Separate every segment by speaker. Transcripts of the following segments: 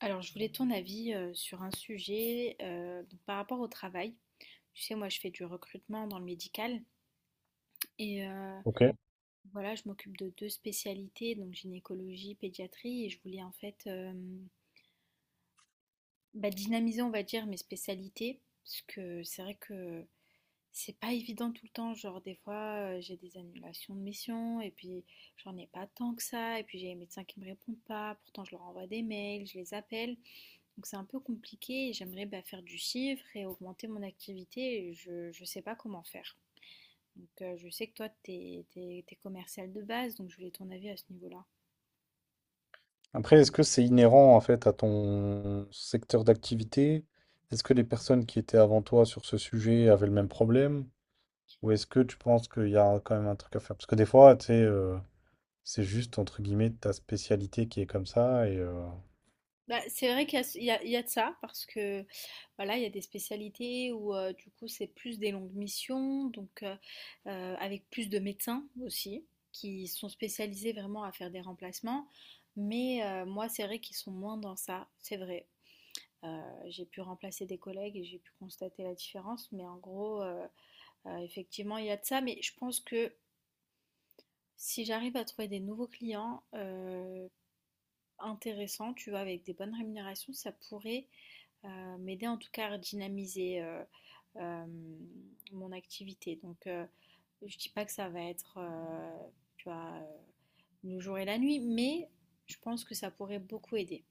Speaker 1: Alors, je voulais ton avis sur un sujet donc par rapport au travail. Tu sais, moi, je fais du recrutement dans le médical et
Speaker 2: Ok.
Speaker 1: voilà, je m'occupe de deux spécialités, donc gynécologie, pédiatrie, et je voulais en fait bah, dynamiser, on va dire, mes spécialités, parce que c'est vrai que c'est pas évident tout le temps. Genre, des fois, j'ai des annulations de missions, et puis j'en ai pas tant que ça, et puis j'ai les médecins qui me répondent pas, pourtant je leur envoie des mails, je les appelle. Donc c'est un peu compliqué et j'aimerais bah, faire du chiffre et augmenter mon activité. Et je ne sais pas comment faire. Donc je sais que toi, tu es, commercial de base, donc je voulais ton avis à ce niveau-là.
Speaker 2: Après, est-ce que c'est inhérent en fait à ton secteur d'activité? Est-ce que les personnes qui étaient avant toi sur ce sujet avaient le même problème? Ou est-ce que tu penses qu'il y a quand même un truc à faire? Parce que des fois, tu sais, c'est juste entre guillemets ta spécialité qui est comme ça. Et
Speaker 1: Bah, c'est vrai qu'il y a, il y a- il y a de ça, parce que voilà, il y a des spécialités où du coup c'est plus des longues missions, donc avec plus de médecins aussi, qui sont spécialisés vraiment à faire des remplacements. Mais moi, c'est vrai qu'ils sont moins dans ça, c'est vrai. J'ai pu remplacer des collègues et j'ai pu constater la différence. Mais en gros, effectivement, il y a de ça. Mais je pense que si j'arrive à trouver des nouveaux clients intéressants, tu vois, avec des bonnes rémunérations, ça pourrait m'aider en tout cas à dynamiser euh, mon activité. Donc, je dis pas que ça va être, tu vois, le jour et la nuit, mais je pense que ça pourrait beaucoup aider.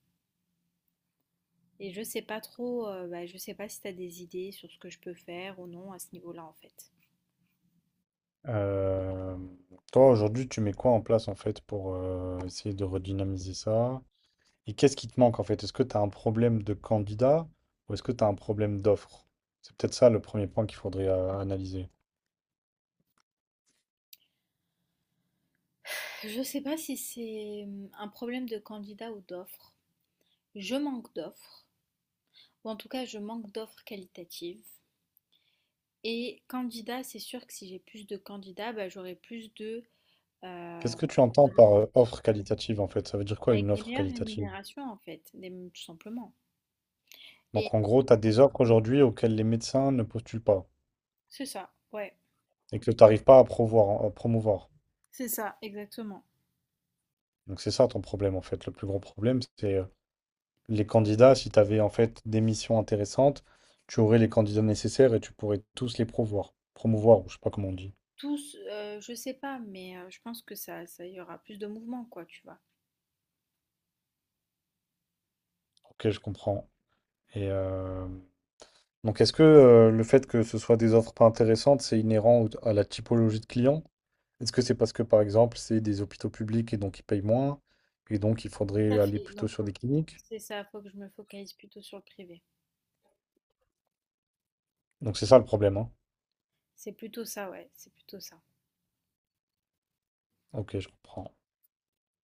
Speaker 1: Et je sais pas trop, bah, je sais pas si tu as des idées sur ce que je peux faire ou non à ce niveau-là en fait.
Speaker 2: euh, toi, aujourd'hui, tu mets quoi en place en fait pour essayer de redynamiser ça? Et qu'est-ce qui te manque en fait? Est-ce que tu as un problème de candidat ou est-ce que tu as un problème d'offre? C'est peut-être ça le premier point qu'il faudrait analyser.
Speaker 1: Je sais pas si c'est un problème de candidat ou d'offre. Je manque d'offres, ou en tout cas je manque d'offres qualitatives. Et candidat, c'est sûr que si j'ai plus de candidats, bah, j'aurai plus de, euh,
Speaker 2: Qu'est-ce que tu entends
Speaker 1: de-
Speaker 2: par offre qualitative en fait? Ça veut dire quoi
Speaker 1: Avec
Speaker 2: une
Speaker 1: des
Speaker 2: offre
Speaker 1: meilleures
Speaker 2: qualitative?
Speaker 1: rémunérations en fait, tout simplement. Et
Speaker 2: Donc en gros, tu as des offres aujourd'hui auxquelles les médecins ne postulent pas
Speaker 1: c'est ça, ouais,
Speaker 2: et que tu n'arrives pas à promouvoir, à promouvoir.
Speaker 1: c'est ça, exactement.
Speaker 2: Donc c'est ça ton problème en fait. Le plus gros problème, c'est les candidats, si tu avais en fait des missions intéressantes, tu aurais les candidats nécessaires et tu pourrais tous les promouvoir. Promouvoir, ou je sais pas comment on dit.
Speaker 1: Tous, je sais pas, mais je pense que ça y aura plus de mouvement quoi, tu vois?
Speaker 2: Ok, je comprends. Et euh, donc, est-ce que le fait que ce soit des offres pas intéressantes, c'est inhérent à la typologie de clients? Est-ce que c'est parce que, par exemple, c'est des hôpitaux publics et donc ils payent moins et donc il
Speaker 1: Tout
Speaker 2: faudrait
Speaker 1: à
Speaker 2: aller
Speaker 1: fait,
Speaker 2: plutôt
Speaker 1: donc
Speaker 2: sur
Speaker 1: faut
Speaker 2: des cliniques?
Speaker 1: c'est ça, faut que je me focalise plutôt sur le privé.
Speaker 2: Donc, c'est ça le problème, hein.
Speaker 1: C'est plutôt ça, ouais, c'est plutôt ça.
Speaker 2: Ok, je comprends.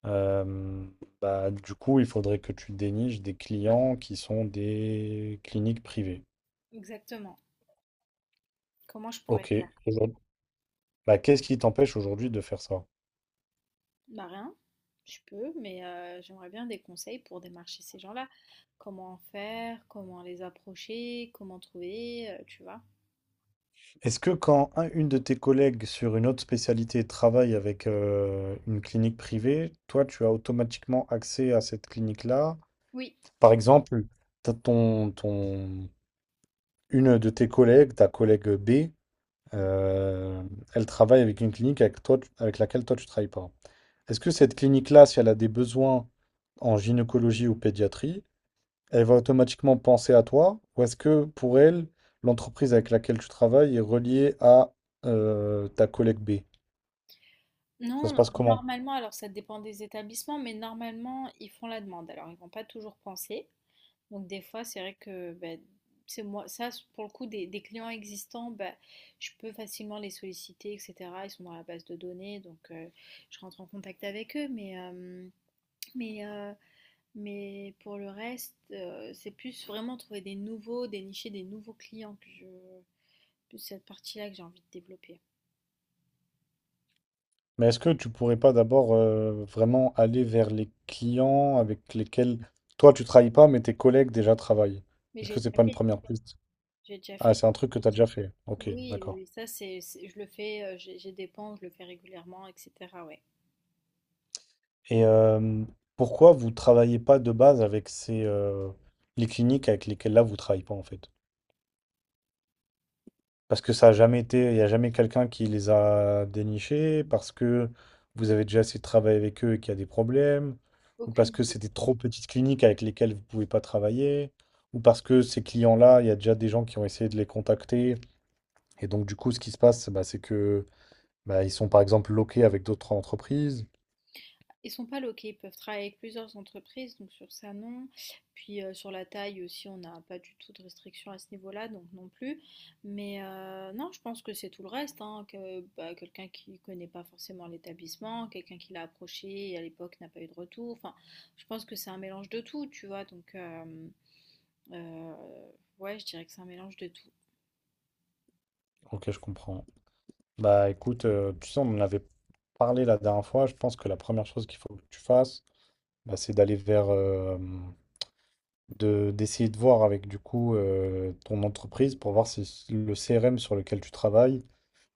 Speaker 2: Euh, Bah, du coup, il faudrait que tu déniches des clients qui sont des cliniques privées.
Speaker 1: Exactement. Comment je pourrais
Speaker 2: Ok.
Speaker 1: faire?
Speaker 2: Aujourd- Bah, qu'est-ce qui t'empêche aujourd'hui de faire ça?
Speaker 1: Bah, rien, je peux, mais j'aimerais bien des conseils pour démarcher ces gens-là. Comment en faire? Comment les approcher? Comment trouver? Tu vois?
Speaker 2: Est-ce que quand une de tes collègues sur une autre spécialité travaille avec une clinique privée, toi, tu as automatiquement accès à cette clinique-là?
Speaker 1: Oui.
Speaker 2: Par exemple, t'as ton, ton, une de tes collègues, ta collègue B,
Speaker 1: Ouais.
Speaker 2: euh, elle travaille avec une clinique avec toi, avec laquelle toi, tu ne travailles pas. Est-ce que cette clinique-là, si elle a des besoins en gynécologie ou pédiatrie, elle va automatiquement penser à toi, ou est-ce que pour elle, l'entreprise avec laquelle tu travailles est reliée à ta collègue B? Ça
Speaker 1: Non,
Speaker 2: se
Speaker 1: non,
Speaker 2: passe comment?
Speaker 1: normalement, alors ça dépend des établissements, mais normalement, ils font la demande. Alors ils vont pas toujours penser, donc des fois, c'est vrai que ben, c'est moi, ça, c'est- pour le coup, des clients existants, ben, je peux facilement les solliciter, etc. Ils sont dans la base de données, donc je rentre en contact avec eux. Mais, euh, mais pour le reste, c'est plus vraiment trouver des nouveaux, dénicher des nouveaux clients que je, plus cette partie-là que j'ai envie de développer.
Speaker 2: Mais est-ce que tu pourrais pas d'abord vraiment aller vers les clients avec lesquels toi tu travailles pas, mais tes collègues déjà travaillent?
Speaker 1: Mais
Speaker 2: Est-ce
Speaker 1: j'ai
Speaker 2: que c'est
Speaker 1: déjà
Speaker 2: pas une
Speaker 1: fait,
Speaker 2: première piste?
Speaker 1: j'ai déjà
Speaker 2: Ah,
Speaker 1: fait.
Speaker 2: c'est un truc que tu as déjà fait. Ok,
Speaker 1: Oui, oui,
Speaker 2: d'accord.
Speaker 1: oui, ça, je le fais, j'ai des pans, je le fais régulièrement, etc. Ouais.
Speaker 2: Et pourquoi vous travaillez pas de base avec ces les cliniques avec lesquelles là vous travaillez pas en fait? Parce que ça a jamais été, il n'y a jamais quelqu'un qui les a dénichés, parce que vous avez déjà essayé de travailler avec eux et qu'il y a des problèmes, ou
Speaker 1: Aucune
Speaker 2: parce que
Speaker 1: idée.
Speaker 2: c'est des trop petites cliniques avec lesquelles vous ne pouvez pas travailler, ou parce que ces clients-là, il y a déjà des gens qui ont essayé de les contacter. Et donc, du coup, ce qui se passe, bah, c'est que bah, ils sont par exemple loqués avec d'autres entreprises.
Speaker 1: Ils sont pas loqués, ils peuvent travailler avec plusieurs entreprises, donc sur ça non. Puis sur la taille aussi, on n'a pas du tout de restriction à ce niveau-là, donc non plus. Mais non, je pense que c'est tout le reste, hein, que bah, quelqu'un qui connaît pas forcément l'établissement, quelqu'un qui l'a approché et à l'époque n'a pas eu de retour. Enfin, je pense que c'est un mélange de tout, tu vois. Euh, ouais, je dirais que c'est un mélange de tout.
Speaker 2: Ok, je comprends. Bah écoute, tu sais, on en avait parlé la dernière fois. Je pense que la première chose qu'il faut que tu fasses, bah, c'est d'aller vers, de d'essayer de voir avec du coup ton entreprise pour voir si le CRM sur lequel tu travailles,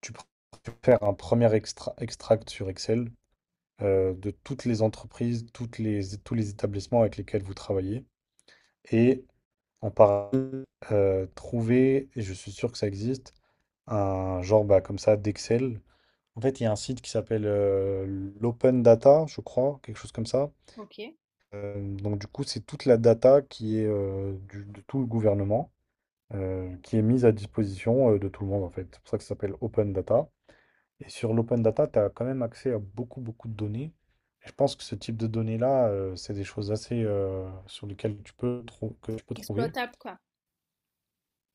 Speaker 2: tu pr- tu peux faire un premier extract sur Excel de toutes les entreprises, tous les établissements avec lesquels vous travaillez et en parallèle trouver, et je suis sûr que ça existe, un genre bah, comme ça d'Excel. En fait, il y a un site qui s'appelle l'Open Data, je crois, quelque chose comme ça.
Speaker 1: Ok.
Speaker 2: Donc du coup, c'est toute la data qui est de tout le gouvernement, qui est mise à disposition de tout le monde en fait. C'est pour ça que ça s'appelle Open Data. Et sur l'Open Data, tu as quand même accès à beaucoup, beaucoup de données. Et je pense que ce type de données-là, c'est des choses assez sur lesquelles tu peux, que tu peux trouver,
Speaker 1: Exploitable quoi.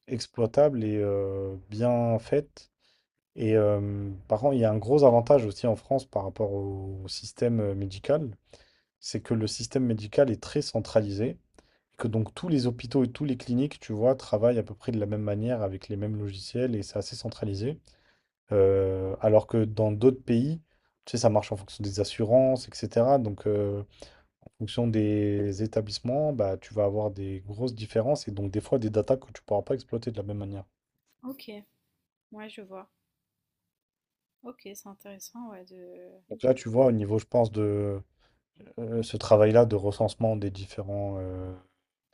Speaker 2: exploitables et bien faites. Et par contre, il y a un gros avantage aussi en France par rapport au système médical, c'est que le système médical est très centralisé, que donc tous les hôpitaux et tous les cliniques, tu vois, travaillent à peu près de la même manière avec les mêmes logiciels et c'est assez centralisé. Alors que dans d'autres pays, tu sais, ça marche en fonction des assurances, etc. Donc, en fonction des établissements, bah, tu vas avoir des grosses différences et donc des fois des datas que tu pourras pas exploiter de la même manière.
Speaker 1: Ok. Ouais, je vois. Ok, c'est intéressant, ouais, de.
Speaker 2: Donc là, tu vois, au niveau, je pense, de ce travail-là de recensement des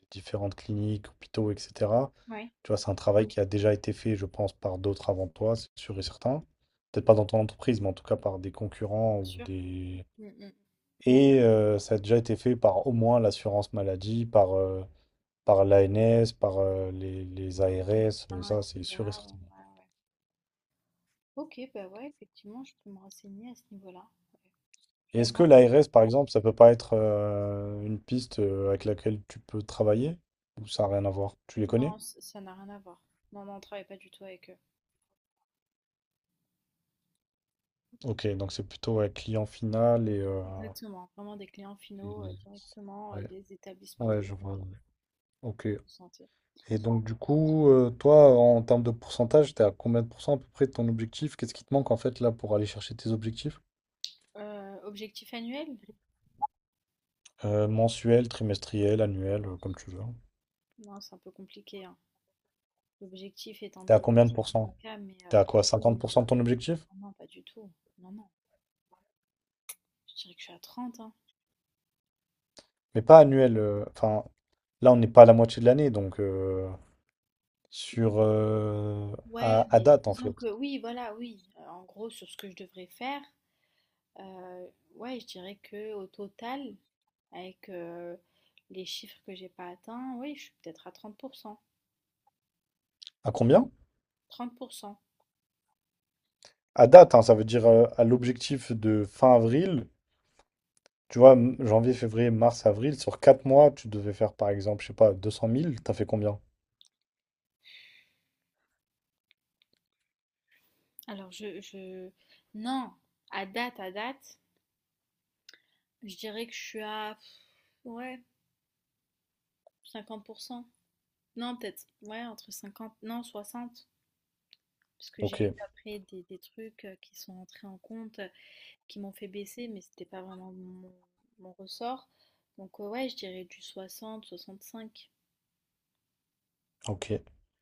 Speaker 2: des différentes cliniques, hôpitaux, etc.
Speaker 1: Ouais,
Speaker 2: Tu vois, c'est un travail qui a déjà été fait, je pense, par d'autres avant toi, c'est sûr et certain. Peut-être pas dans ton entreprise, mais en tout cas par des
Speaker 1: bien
Speaker 2: concurrents ou
Speaker 1: sûr.
Speaker 2: des...
Speaker 1: Mm, mm.
Speaker 2: Et ça a déjà été fait par au moins l'assurance maladie, par l'ANS, par les ARS,
Speaker 1: Hein, et
Speaker 2: ça c'est sûr et
Speaker 1: cetera, ouais,
Speaker 2: certain.
Speaker 1: ouais. Ok, bah ouais, effectivement, je peux me renseigner à ce niveau-là. Ouais. Je
Speaker 2: Et
Speaker 1: vais
Speaker 2: est-ce
Speaker 1: me
Speaker 2: que l'ARS, par exemple, ça peut pas être une piste avec laquelle tu peux travailler? Ou ça n'a rien à voir? Tu les
Speaker 1: renseigner.
Speaker 2: connais?
Speaker 1: Non, ça n'a rien à voir. Non, non, on travaille pas du tout avec eux.
Speaker 2: Ok, donc c'est plutôt ouais, client final et...
Speaker 1: Exactement, vraiment des clients finaux
Speaker 2: Mhm.
Speaker 1: directement
Speaker 2: Ouais,
Speaker 1: des établissements
Speaker 2: ouais, je vois. Ouais. Ok.
Speaker 1: de santé.
Speaker 2: Et donc, du coup, toi, en termes de pourcentage, t'es à combien de pourcents à peu près de ton objectif? Qu'est-ce qui te manque en fait là pour aller chercher tes objectifs?
Speaker 1: Objectif annuel?
Speaker 2: Mensuel, trimestriel, annuel, comme tu veux.
Speaker 1: Non, c'est un peu compliqué, hein. L'objectif est
Speaker 2: T'es à combien
Speaker 1: ambitieux,
Speaker 2: de pourcents?
Speaker 1: mais
Speaker 2: T'es à quoi? 50% de ton objectif?
Speaker 1: oh non, pas du tout. Non, non, je dirais que je suis à 30, hein.
Speaker 2: Mais pas annuel, enfin, là, on n'est pas à la moitié de l'année, donc sur
Speaker 1: Ouais,
Speaker 2: à
Speaker 1: mais
Speaker 2: date en
Speaker 1: disons que
Speaker 2: fait.
Speaker 1: oui, voilà, oui. En gros, sur ce que je devrais faire. Euh, ouais, je dirais que au total, avec les chiffres que j'ai pas atteints, oui, je suis peut-être à 30%.
Speaker 2: À combien?
Speaker 1: 30%.
Speaker 2: À date, hein, ça veut dire à l'objectif de fin avril, tu vois, janvier, février, mars, avril, sur 4 mois, tu devais faire par exemple, je sais pas, 200 000. T'as fait combien?
Speaker 1: Alors Non, à date, je dirais que je suis à... Ouais, 50%. Non, peut-être, ouais, entre 50. Non, 60. Parce que
Speaker 2: Ok,
Speaker 1: j'ai eu après des trucs qui sont entrés en compte, qui m'ont fait baisser, mais c'était pas vraiment mon ressort. Donc ouais, je dirais du 60-65.
Speaker 2: ok.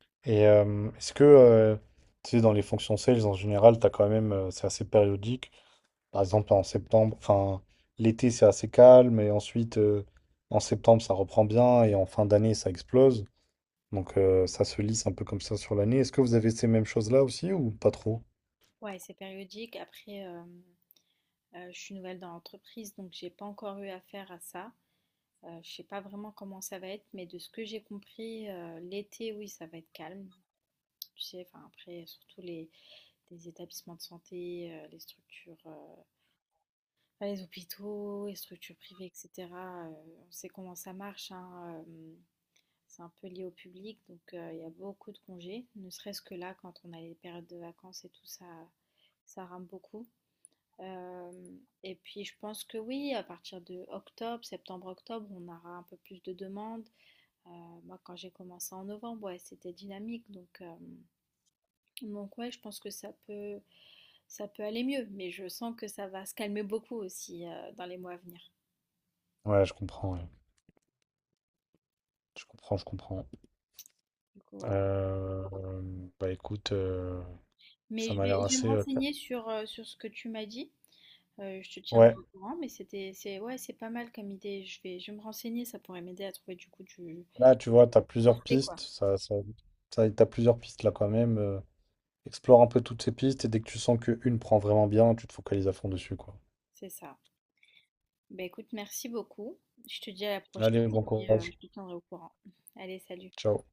Speaker 2: Et est-ce que, tu sais, dans les fonctions sales en général, t'as quand même, c'est assez périodique. Par exemple, en septembre, enfin, l'été, c'est assez calme, et ensuite, en septembre, ça reprend bien, et en fin d'année, ça explose. Donc, ça se lisse un peu comme ça sur l'année. Est-ce que vous avez ces mêmes choses-là aussi, ou pas trop?
Speaker 1: Ouais, c'est périodique. Après, je suis nouvelle dans l'entreprise, donc j'ai pas encore eu affaire à ça. Je sais pas vraiment comment ça va être, mais de ce que j'ai compris, l'été, oui, ça va être calme. Tu sais, enfin après, surtout les établissements de santé, les structures, enfin, les hôpitaux, les structures privées, etc. On sait comment ça marche, hein, c'est un peu lié au public, donc il y a beaucoup de congés. Ne serait-ce que là, quand on a les périodes de vacances et tout ça, ça rame beaucoup. Euh, et puis je pense que oui, à partir de octobre, septembre-octobre, on aura un peu plus de demandes. Euh, Moi, quand j'ai commencé en novembre, ouais, c'était dynamique, donc ouais, je pense que ça peut aller mieux, mais je sens que ça va se calmer beaucoup aussi dans les mois à venir.
Speaker 2: Ouais. Je comprends, je comprends.
Speaker 1: Du coup, voilà.
Speaker 2: Euh, Bah écoute,
Speaker 1: Mais
Speaker 2: ça
Speaker 1: je
Speaker 2: m'a l'air
Speaker 1: vais, je vais me
Speaker 2: assez...
Speaker 1: renseigner sur ce que tu m'as dit. Je te tiendrai
Speaker 2: ouais,
Speaker 1: au courant, mais c'est ouais, c'est pas mal comme idée. Je vais me renseigner, ça pourrait m'aider à trouver du coup du
Speaker 2: là, tu vois, t'as
Speaker 1: du
Speaker 2: plusieurs
Speaker 1: prospect
Speaker 2: pistes,
Speaker 1: quoi.
Speaker 2: t'as plusieurs pistes là quand même. Explore un peu toutes ces pistes, et dès que tu sens qu'une prend vraiment bien, tu te focalises à fond dessus, quoi.
Speaker 1: C'est ça. Bah écoute, merci beaucoup. Je te dis à la prochaine
Speaker 2: Allez,
Speaker 1: et
Speaker 2: bon
Speaker 1: puis
Speaker 2: courage.
Speaker 1: je te tiendrai au courant. Allez, salut.
Speaker 2: Ciao.